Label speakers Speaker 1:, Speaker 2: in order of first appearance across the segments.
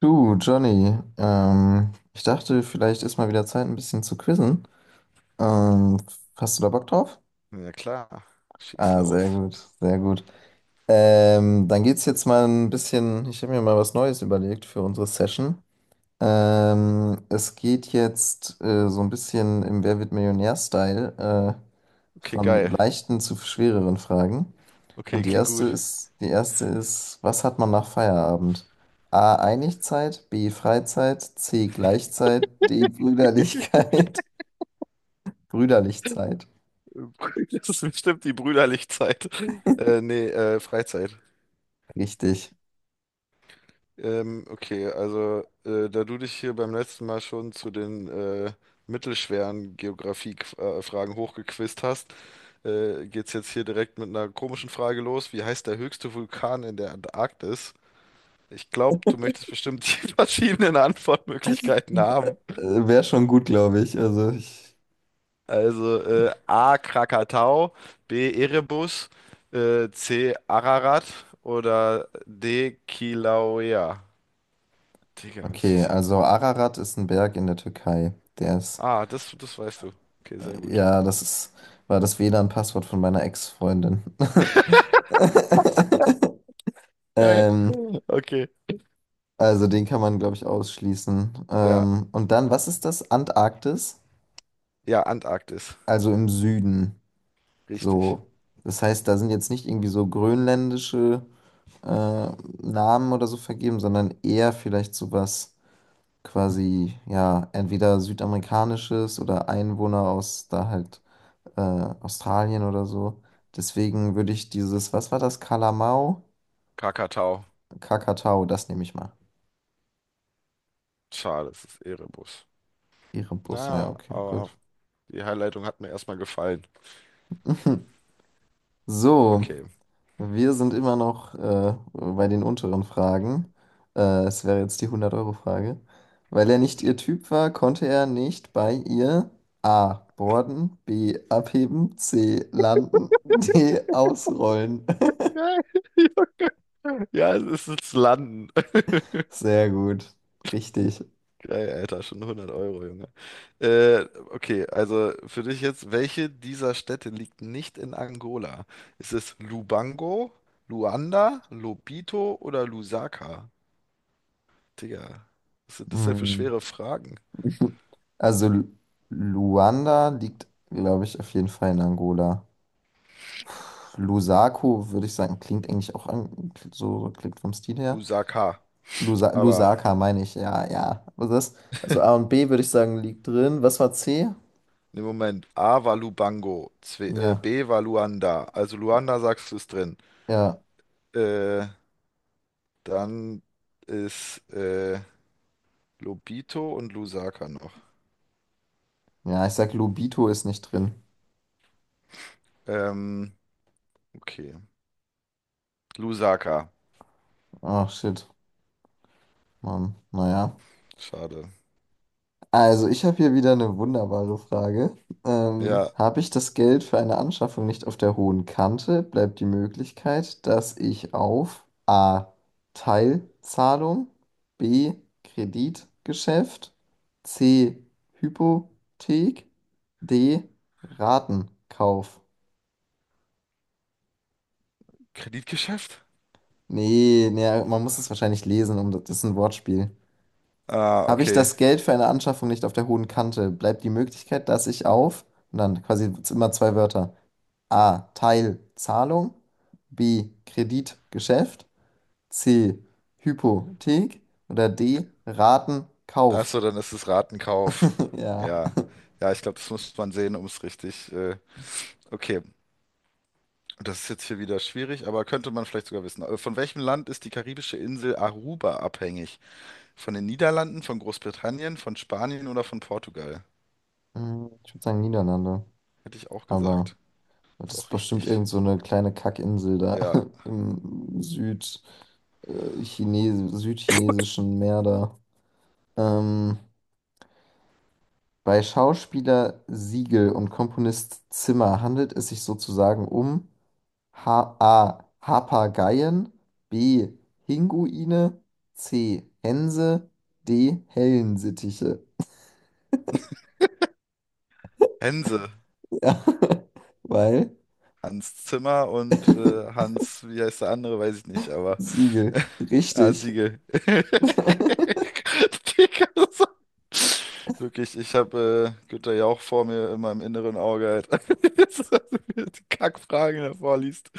Speaker 1: Du, Johnny, ich dachte, vielleicht ist mal wieder Zeit, ein bisschen zu quizzen. Ähm, hast du da Bock drauf?
Speaker 2: Ja klar, schieß
Speaker 1: Ah, sehr
Speaker 2: los.
Speaker 1: gut, sehr gut. Dann geht's jetzt mal ein bisschen, ich habe mir mal was Neues überlegt für unsere Session. Es geht jetzt so ein bisschen im Wer wird Millionär-Style
Speaker 2: Okay,
Speaker 1: von
Speaker 2: geil.
Speaker 1: leichten zu schwereren Fragen.
Speaker 2: Okay,
Speaker 1: Und die
Speaker 2: klingt
Speaker 1: erste
Speaker 2: gut.
Speaker 1: ist, die erste ist, was hat man nach Feierabend? A. Einigzeit, B. Freizeit, C. Gleichzeit, D. Brüderlichkeit. Brüderlichzeit.
Speaker 2: Das ist bestimmt die Brüderlichzeit. Nee, Freizeit.
Speaker 1: Richtig.
Speaker 2: Okay, also da du dich hier beim letzten Mal schon zu den mittelschweren Geografie-Fragen hochgequizt hast, geht's jetzt hier direkt mit einer komischen Frage los. Wie heißt der höchste Vulkan in der Antarktis? Ich glaube, du möchtest bestimmt die verschiedenen Antwortmöglichkeiten haben.
Speaker 1: Wäre schon gut, glaube ich. Also ich.
Speaker 2: Also A. Krakatau, B. Erebus, C. Ararat oder D. Kilauea. Digga, was ist
Speaker 1: Okay,
Speaker 2: das denn?
Speaker 1: also Ararat ist ein Berg in der Türkei. Der ist.
Speaker 2: Ah, das weißt du. Okay, sehr gut.
Speaker 1: Ja, war das WLAN-Passwort von meiner Ex-Freundin.
Speaker 2: Geil.
Speaker 1: Ähm,
Speaker 2: Okay.
Speaker 1: also den kann man, glaube ich, ausschließen.
Speaker 2: Ja,
Speaker 1: Und dann, was ist das? Antarktis?
Speaker 2: ja, Antarktis.
Speaker 1: Also im Süden.
Speaker 2: Richtig.
Speaker 1: So. Das heißt, da sind jetzt nicht irgendwie so grönländische äh, Namen oder so vergeben, sondern eher vielleicht sowas quasi, ja, entweder südamerikanisches oder Einwohner aus da halt Australien oder so. Deswegen würde ich dieses, was war das, Kalamau?
Speaker 2: Krakatau.
Speaker 1: Kakatau, das nehme ich mal.
Speaker 2: Schade, es ist Erebus.
Speaker 1: Erebus, ja,
Speaker 2: Naja,
Speaker 1: okay,
Speaker 2: aber
Speaker 1: gut.
Speaker 2: die Herleitung hat mir erstmal gefallen.
Speaker 1: So.
Speaker 2: Okay.
Speaker 1: Wir sind immer noch bei den unteren Fragen. Es wäre jetzt die 100-Euro-Frage. Weil er nicht ihr Typ war, konnte er nicht bei ihr A. Borden, B. Abheben, C. Landen, D. Ausrollen.
Speaker 2: Geil. Ja, es ist das Landen.
Speaker 1: Sehr gut. Richtig.
Speaker 2: Geil, Alter, schon 100 Euro, Junge. Äh, okay, also für dich jetzt, welche dieser Städte liegt nicht in Angola? Ist es Lubango, Luanda, Lobito oder Lusaka? Digga, was sind das denn für
Speaker 1: Hm.
Speaker 2: schwere Fragen?
Speaker 1: Also Luanda liegt, glaube ich, auf jeden Fall in Angola. Lusako, würde ich sagen, klingt eigentlich auch an, so klingt vom Stil her.
Speaker 2: Lusaka, aber
Speaker 1: Lusaka meine ich, ja, ja. Also, das, also A und B würde ich sagen, liegt drin. Was war C?
Speaker 2: im Moment, A war Lubango,
Speaker 1: Ja,
Speaker 2: B war Luanda, also Luanda sagst du ist drin.
Speaker 1: ja,
Speaker 2: Äh, dann ist Lobito und Lusaka noch.
Speaker 1: ja, ich sag, Lobito ist nicht drin.
Speaker 2: Ähm, okay, Lusaka.
Speaker 1: Ach, shit. Mann, naja.
Speaker 2: Schade.
Speaker 1: Also, ich habe hier wieder eine wunderbare Frage. Ähm,
Speaker 2: Ja,
Speaker 1: habe ich das Geld für eine Anschaffung nicht auf der hohen Kante, bleibt die Möglichkeit, dass ich auf A. Teilzahlung, B. Kreditgeschäft, C. Hypothek, D. Ratenkauf.
Speaker 2: Kreditgeschäft?
Speaker 1: Nee, nee, man muss es wahrscheinlich lesen, um das ist ein Wortspiel.
Speaker 2: Ah,
Speaker 1: Habe ich
Speaker 2: okay.
Speaker 1: das Geld für eine Anschaffung nicht auf der hohen Kante, bleibt die Möglichkeit, dass ich auf, und dann quasi immer zwei Wörter. A. Teilzahlung, B. Kreditgeschäft, C. Hypothek. Oder D. Ratenkauf.
Speaker 2: Achso, dann ist es Ratenkauf.
Speaker 1: Ja.
Speaker 2: Ja. Ja, ich glaube, das muss man sehen, um es richtig. Okay. Das ist jetzt hier wieder schwierig, aber könnte man vielleicht sogar wissen. Von welchem Land ist die karibische Insel Aruba abhängig? Von den Niederlanden, von Großbritannien, von Spanien oder von Portugal?
Speaker 1: Ich würde sagen Niederlande.
Speaker 2: Hätte ich auch
Speaker 1: Aber
Speaker 2: gesagt. Ist
Speaker 1: das ist
Speaker 2: auch
Speaker 1: bestimmt
Speaker 2: richtig.
Speaker 1: irgend so eine kleine Kackinsel da
Speaker 2: Ja.
Speaker 1: im südchinesischen Meer da. Ähm, bei Schauspieler Siegel und Komponist Zimmer handelt es sich sozusagen um. H A. Papageien. B. Pinguine. C. Hänse. D. Hellensittiche.
Speaker 2: Hänse.
Speaker 1: Ja, weil
Speaker 2: Hans Zimmer und Hans, wie heißt der andere, weiß ich nicht, aber
Speaker 1: Siegel.
Speaker 2: ja,
Speaker 1: Richtig.
Speaker 2: Siegel. Digga, so- wirklich, ich habe Günther Jauch vor mir in meinem inneren Auge halt. Die Kackfragen davor liest.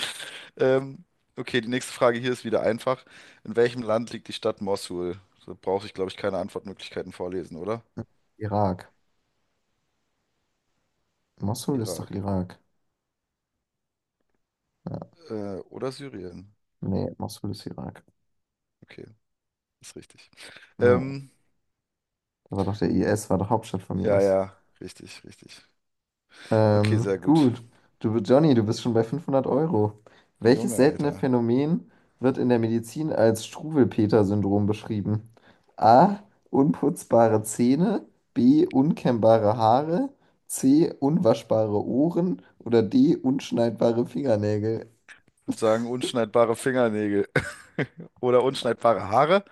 Speaker 2: Ähm, okay, die nächste Frage hier ist wieder einfach. In welchem Land liegt die Stadt Mossul? Da brauche ich, glaube ich, keine Antwortmöglichkeiten vorlesen, oder?
Speaker 1: Irak. Mosul ist doch
Speaker 2: Irak.
Speaker 1: Irak. Ja.
Speaker 2: Oder Syrien.
Speaker 1: Nee, Mosul ist Irak.
Speaker 2: Okay, ist richtig.
Speaker 1: Ja.
Speaker 2: Ähm,
Speaker 1: Da war doch der IS, war doch Hauptstadt vom
Speaker 2: Ja,
Speaker 1: IS.
Speaker 2: ja, richtig, richtig. Okay,
Speaker 1: Ähm,
Speaker 2: sehr gut.
Speaker 1: gut. Du, Johnny, du bist schon bei 500 Euro. Welches
Speaker 2: Junge,
Speaker 1: seltene
Speaker 2: Alter.
Speaker 1: Phänomen wird in der Medizin als Struwelpeter-Syndrom beschrieben? A. Unputzbare Zähne. B. Unkämmbare Haare. C. Unwaschbare Ohren. Oder D. Unschneidbare Fingernägel.
Speaker 2: Ich würde sagen, unschneidbare Fingernägel. Oder unschneidbare Haare.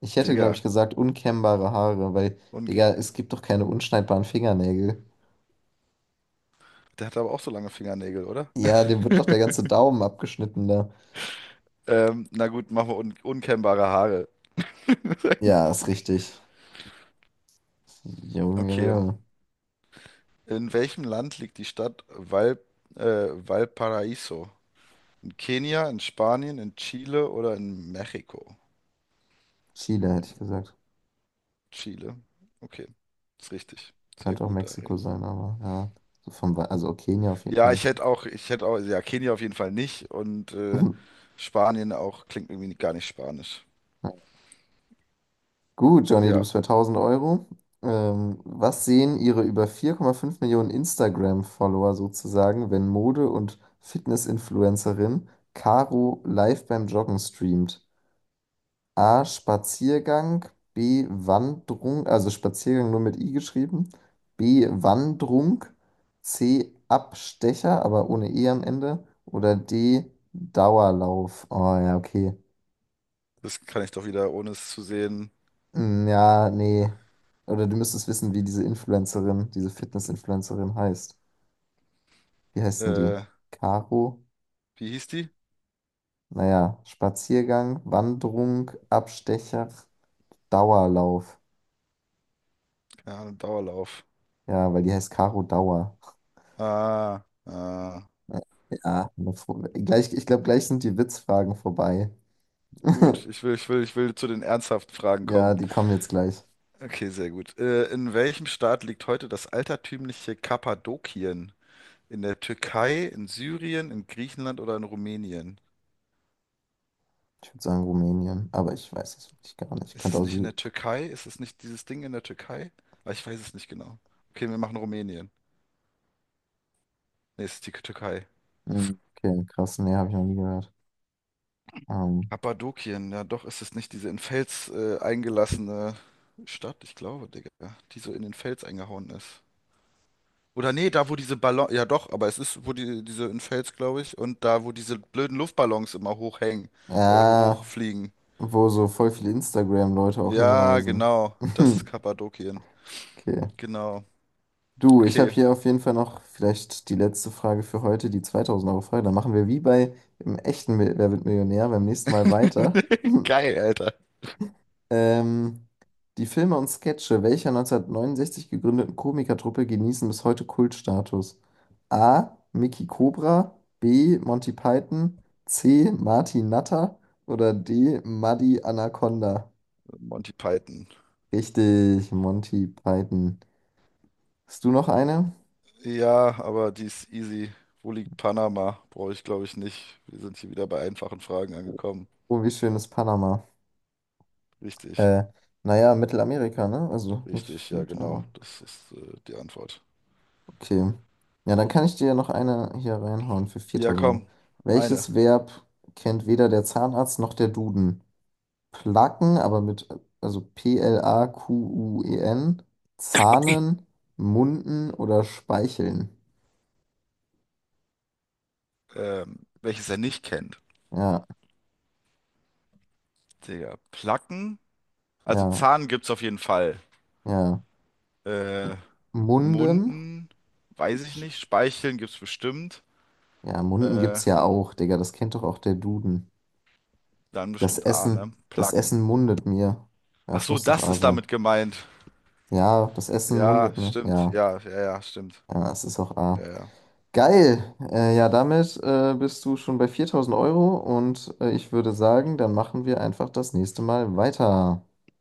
Speaker 1: Ich hätte, glaube ich,
Speaker 2: Digga.
Speaker 1: gesagt, unkämmbare Haare, weil,
Speaker 2: Und
Speaker 1: Digga, es gibt doch keine unschneidbaren Fingernägel.
Speaker 2: der hat aber auch so lange Fingernägel, oder?
Speaker 1: Ja, dem wird doch der ganze Daumen abgeschnitten da.
Speaker 2: Na gut, machen wir un unkennbare Haare.
Speaker 1: Ja, ist richtig. Junge,
Speaker 2: Okay.
Speaker 1: Junge.
Speaker 2: In welchem Land liegt die Stadt äh, Valparaiso? In Kenia, in Spanien, in Chile oder in Mexiko?
Speaker 1: Chile hätte
Speaker 2: Hm,
Speaker 1: ich gesagt.
Speaker 2: Chile. Okay, ist richtig. Sehr
Speaker 1: Könnte auch
Speaker 2: gut, Ari.
Speaker 1: Mexiko sein, aber ja. So vom, also Kenia auf jeden
Speaker 2: Ja,
Speaker 1: keinen Fall.
Speaker 2: ich hätte auch, ja, Kenia auf jeden Fall nicht und Spanien auch klingt irgendwie gar nicht spanisch.
Speaker 1: Gut, Johnny, du
Speaker 2: Ja,
Speaker 1: bist bei 1000 Euro. Was sehen Ihre über 4,5 Millionen Instagram-Follower sozusagen, wenn Mode- und Fitness-Influencerin Caro live beim Joggen streamt? A. Spaziergang. B. Wanderung. Also Spaziergang nur mit I geschrieben. B. Wanderung. C. Abstecher, aber ohne E am Ende. Oder D. Dauerlauf. Oh ja, okay.
Speaker 2: das kann ich doch wieder, ohne es zu sehen.
Speaker 1: Hm, ja, nee. Oder du müsstest wissen, wie diese Influencerin, diese Fitness-Influencerin heißt. Wie heißt denn die?
Speaker 2: Äh,
Speaker 1: Caro?
Speaker 2: wie hieß die?
Speaker 1: Naja, Spaziergang, Wanderung, Abstecher, Dauerlauf.
Speaker 2: Keine Ahnung, Dauerlauf.
Speaker 1: Ja, weil die heißt Caro Dauer.
Speaker 2: Ah, ah,
Speaker 1: Ja, gleich, ich glaube, gleich sind die Witzfragen vorbei.
Speaker 2: gut, ich will zu den ernsthaften Fragen
Speaker 1: Ja,
Speaker 2: kommen.
Speaker 1: die kommen jetzt gleich.
Speaker 2: Okay, sehr gut. In welchem Staat liegt heute das altertümliche Kappadokien? In der Türkei, in Syrien, in Griechenland oder in Rumänien?
Speaker 1: Ich würde sagen Rumänien, aber ich weiß es wirklich gar nicht.
Speaker 2: Ist
Speaker 1: Könnte
Speaker 2: es
Speaker 1: auch
Speaker 2: nicht in der
Speaker 1: Syrien.
Speaker 2: Türkei? Ist es nicht dieses Ding in der Türkei? Ah, ich weiß es nicht genau. Okay, wir machen Rumänien. Nee, es ist die Türkei.
Speaker 1: Okay, krass, nee, habe ich noch nie gehört. Ähm,
Speaker 2: Kappadokien, ja doch, ist es nicht diese in Fels eingelassene Stadt? Ich glaube, Digga, die so in den Fels eingehauen ist. Oder nee, da wo diese Ballon, ja doch, aber es ist, wo die, diese in Fels, glaube ich, und da wo diese blöden Luftballons immer hochhängen,
Speaker 1: ja,
Speaker 2: hochfliegen.
Speaker 1: wo so voll viele Instagram-Leute auch
Speaker 2: Ja,
Speaker 1: hinreisen.
Speaker 2: genau, das ist Kappadokien.
Speaker 1: Okay.
Speaker 2: Genau.
Speaker 1: Du, ich habe
Speaker 2: Okay.
Speaker 1: hier auf jeden Fall noch vielleicht die letzte Frage für heute, die 2000-Euro-Frage. Dann machen wir wie bei im echten Wer wird Millionär beim nächsten Mal weiter.
Speaker 2: Geil, Alter.
Speaker 1: Ähm, die Filme und Sketche welcher 1969 gegründeten Komikertruppe genießen bis heute Kultstatus? A. Mickey Cobra, B. Monty Python, C. Martin Natter oder D. Muddy Anaconda?
Speaker 2: Monty Python.
Speaker 1: Richtig, Monty Python. Hast du noch eine?
Speaker 2: Ja, aber die ist easy. Wo liegt Panama? Brauche ich, glaube ich, nicht. Wir sind hier wieder bei einfachen Fragen angekommen.
Speaker 1: Oh, wie schön ist Panama.
Speaker 2: Richtig,
Speaker 1: Äh, naja, Mittelamerika, ne? Also nicht
Speaker 2: richtig, ja, genau.
Speaker 1: Südamerika.
Speaker 2: Das ist die Antwort.
Speaker 1: Okay. Ja, dann kann ich dir ja noch eine hier reinhauen für
Speaker 2: Ja,
Speaker 1: 4000 Euro.
Speaker 2: komm, eine.
Speaker 1: Welches Verb kennt weder der Zahnarzt noch der Duden? Placken, aber mit, also Plaquen, Zahnen, Munden oder Speicheln?
Speaker 2: Welches er nicht kennt.
Speaker 1: Ja,
Speaker 2: Digga, Placken? Also
Speaker 1: ja,
Speaker 2: Zahn gibt's auf jeden Fall.
Speaker 1: ja.
Speaker 2: Äh,
Speaker 1: Munden?
Speaker 2: Munden? Weiß ich
Speaker 1: Sch-
Speaker 2: nicht. Speicheln gibt's bestimmt.
Speaker 1: Ja, Munden
Speaker 2: Äh,
Speaker 1: gibt's ja auch, Digga, das kennt doch auch der Duden.
Speaker 2: dann bestimmt A, ne?
Speaker 1: Das
Speaker 2: Placken.
Speaker 1: Essen mundet mir. Ja,
Speaker 2: Ach
Speaker 1: es
Speaker 2: so,
Speaker 1: muss doch
Speaker 2: das
Speaker 1: A
Speaker 2: ist
Speaker 1: sein.
Speaker 2: damit gemeint.
Speaker 1: Ja, das Essen
Speaker 2: Ja,
Speaker 1: mundet mir.
Speaker 2: stimmt.
Speaker 1: Ja,
Speaker 2: Ja, ja, ja, stimmt.
Speaker 1: ja, es ist auch A.
Speaker 2: Ja, ja.
Speaker 1: Geil. Ja, damit bist du schon bei 4000 Euro und ich würde sagen, dann machen wir einfach das nächste Mal weiter.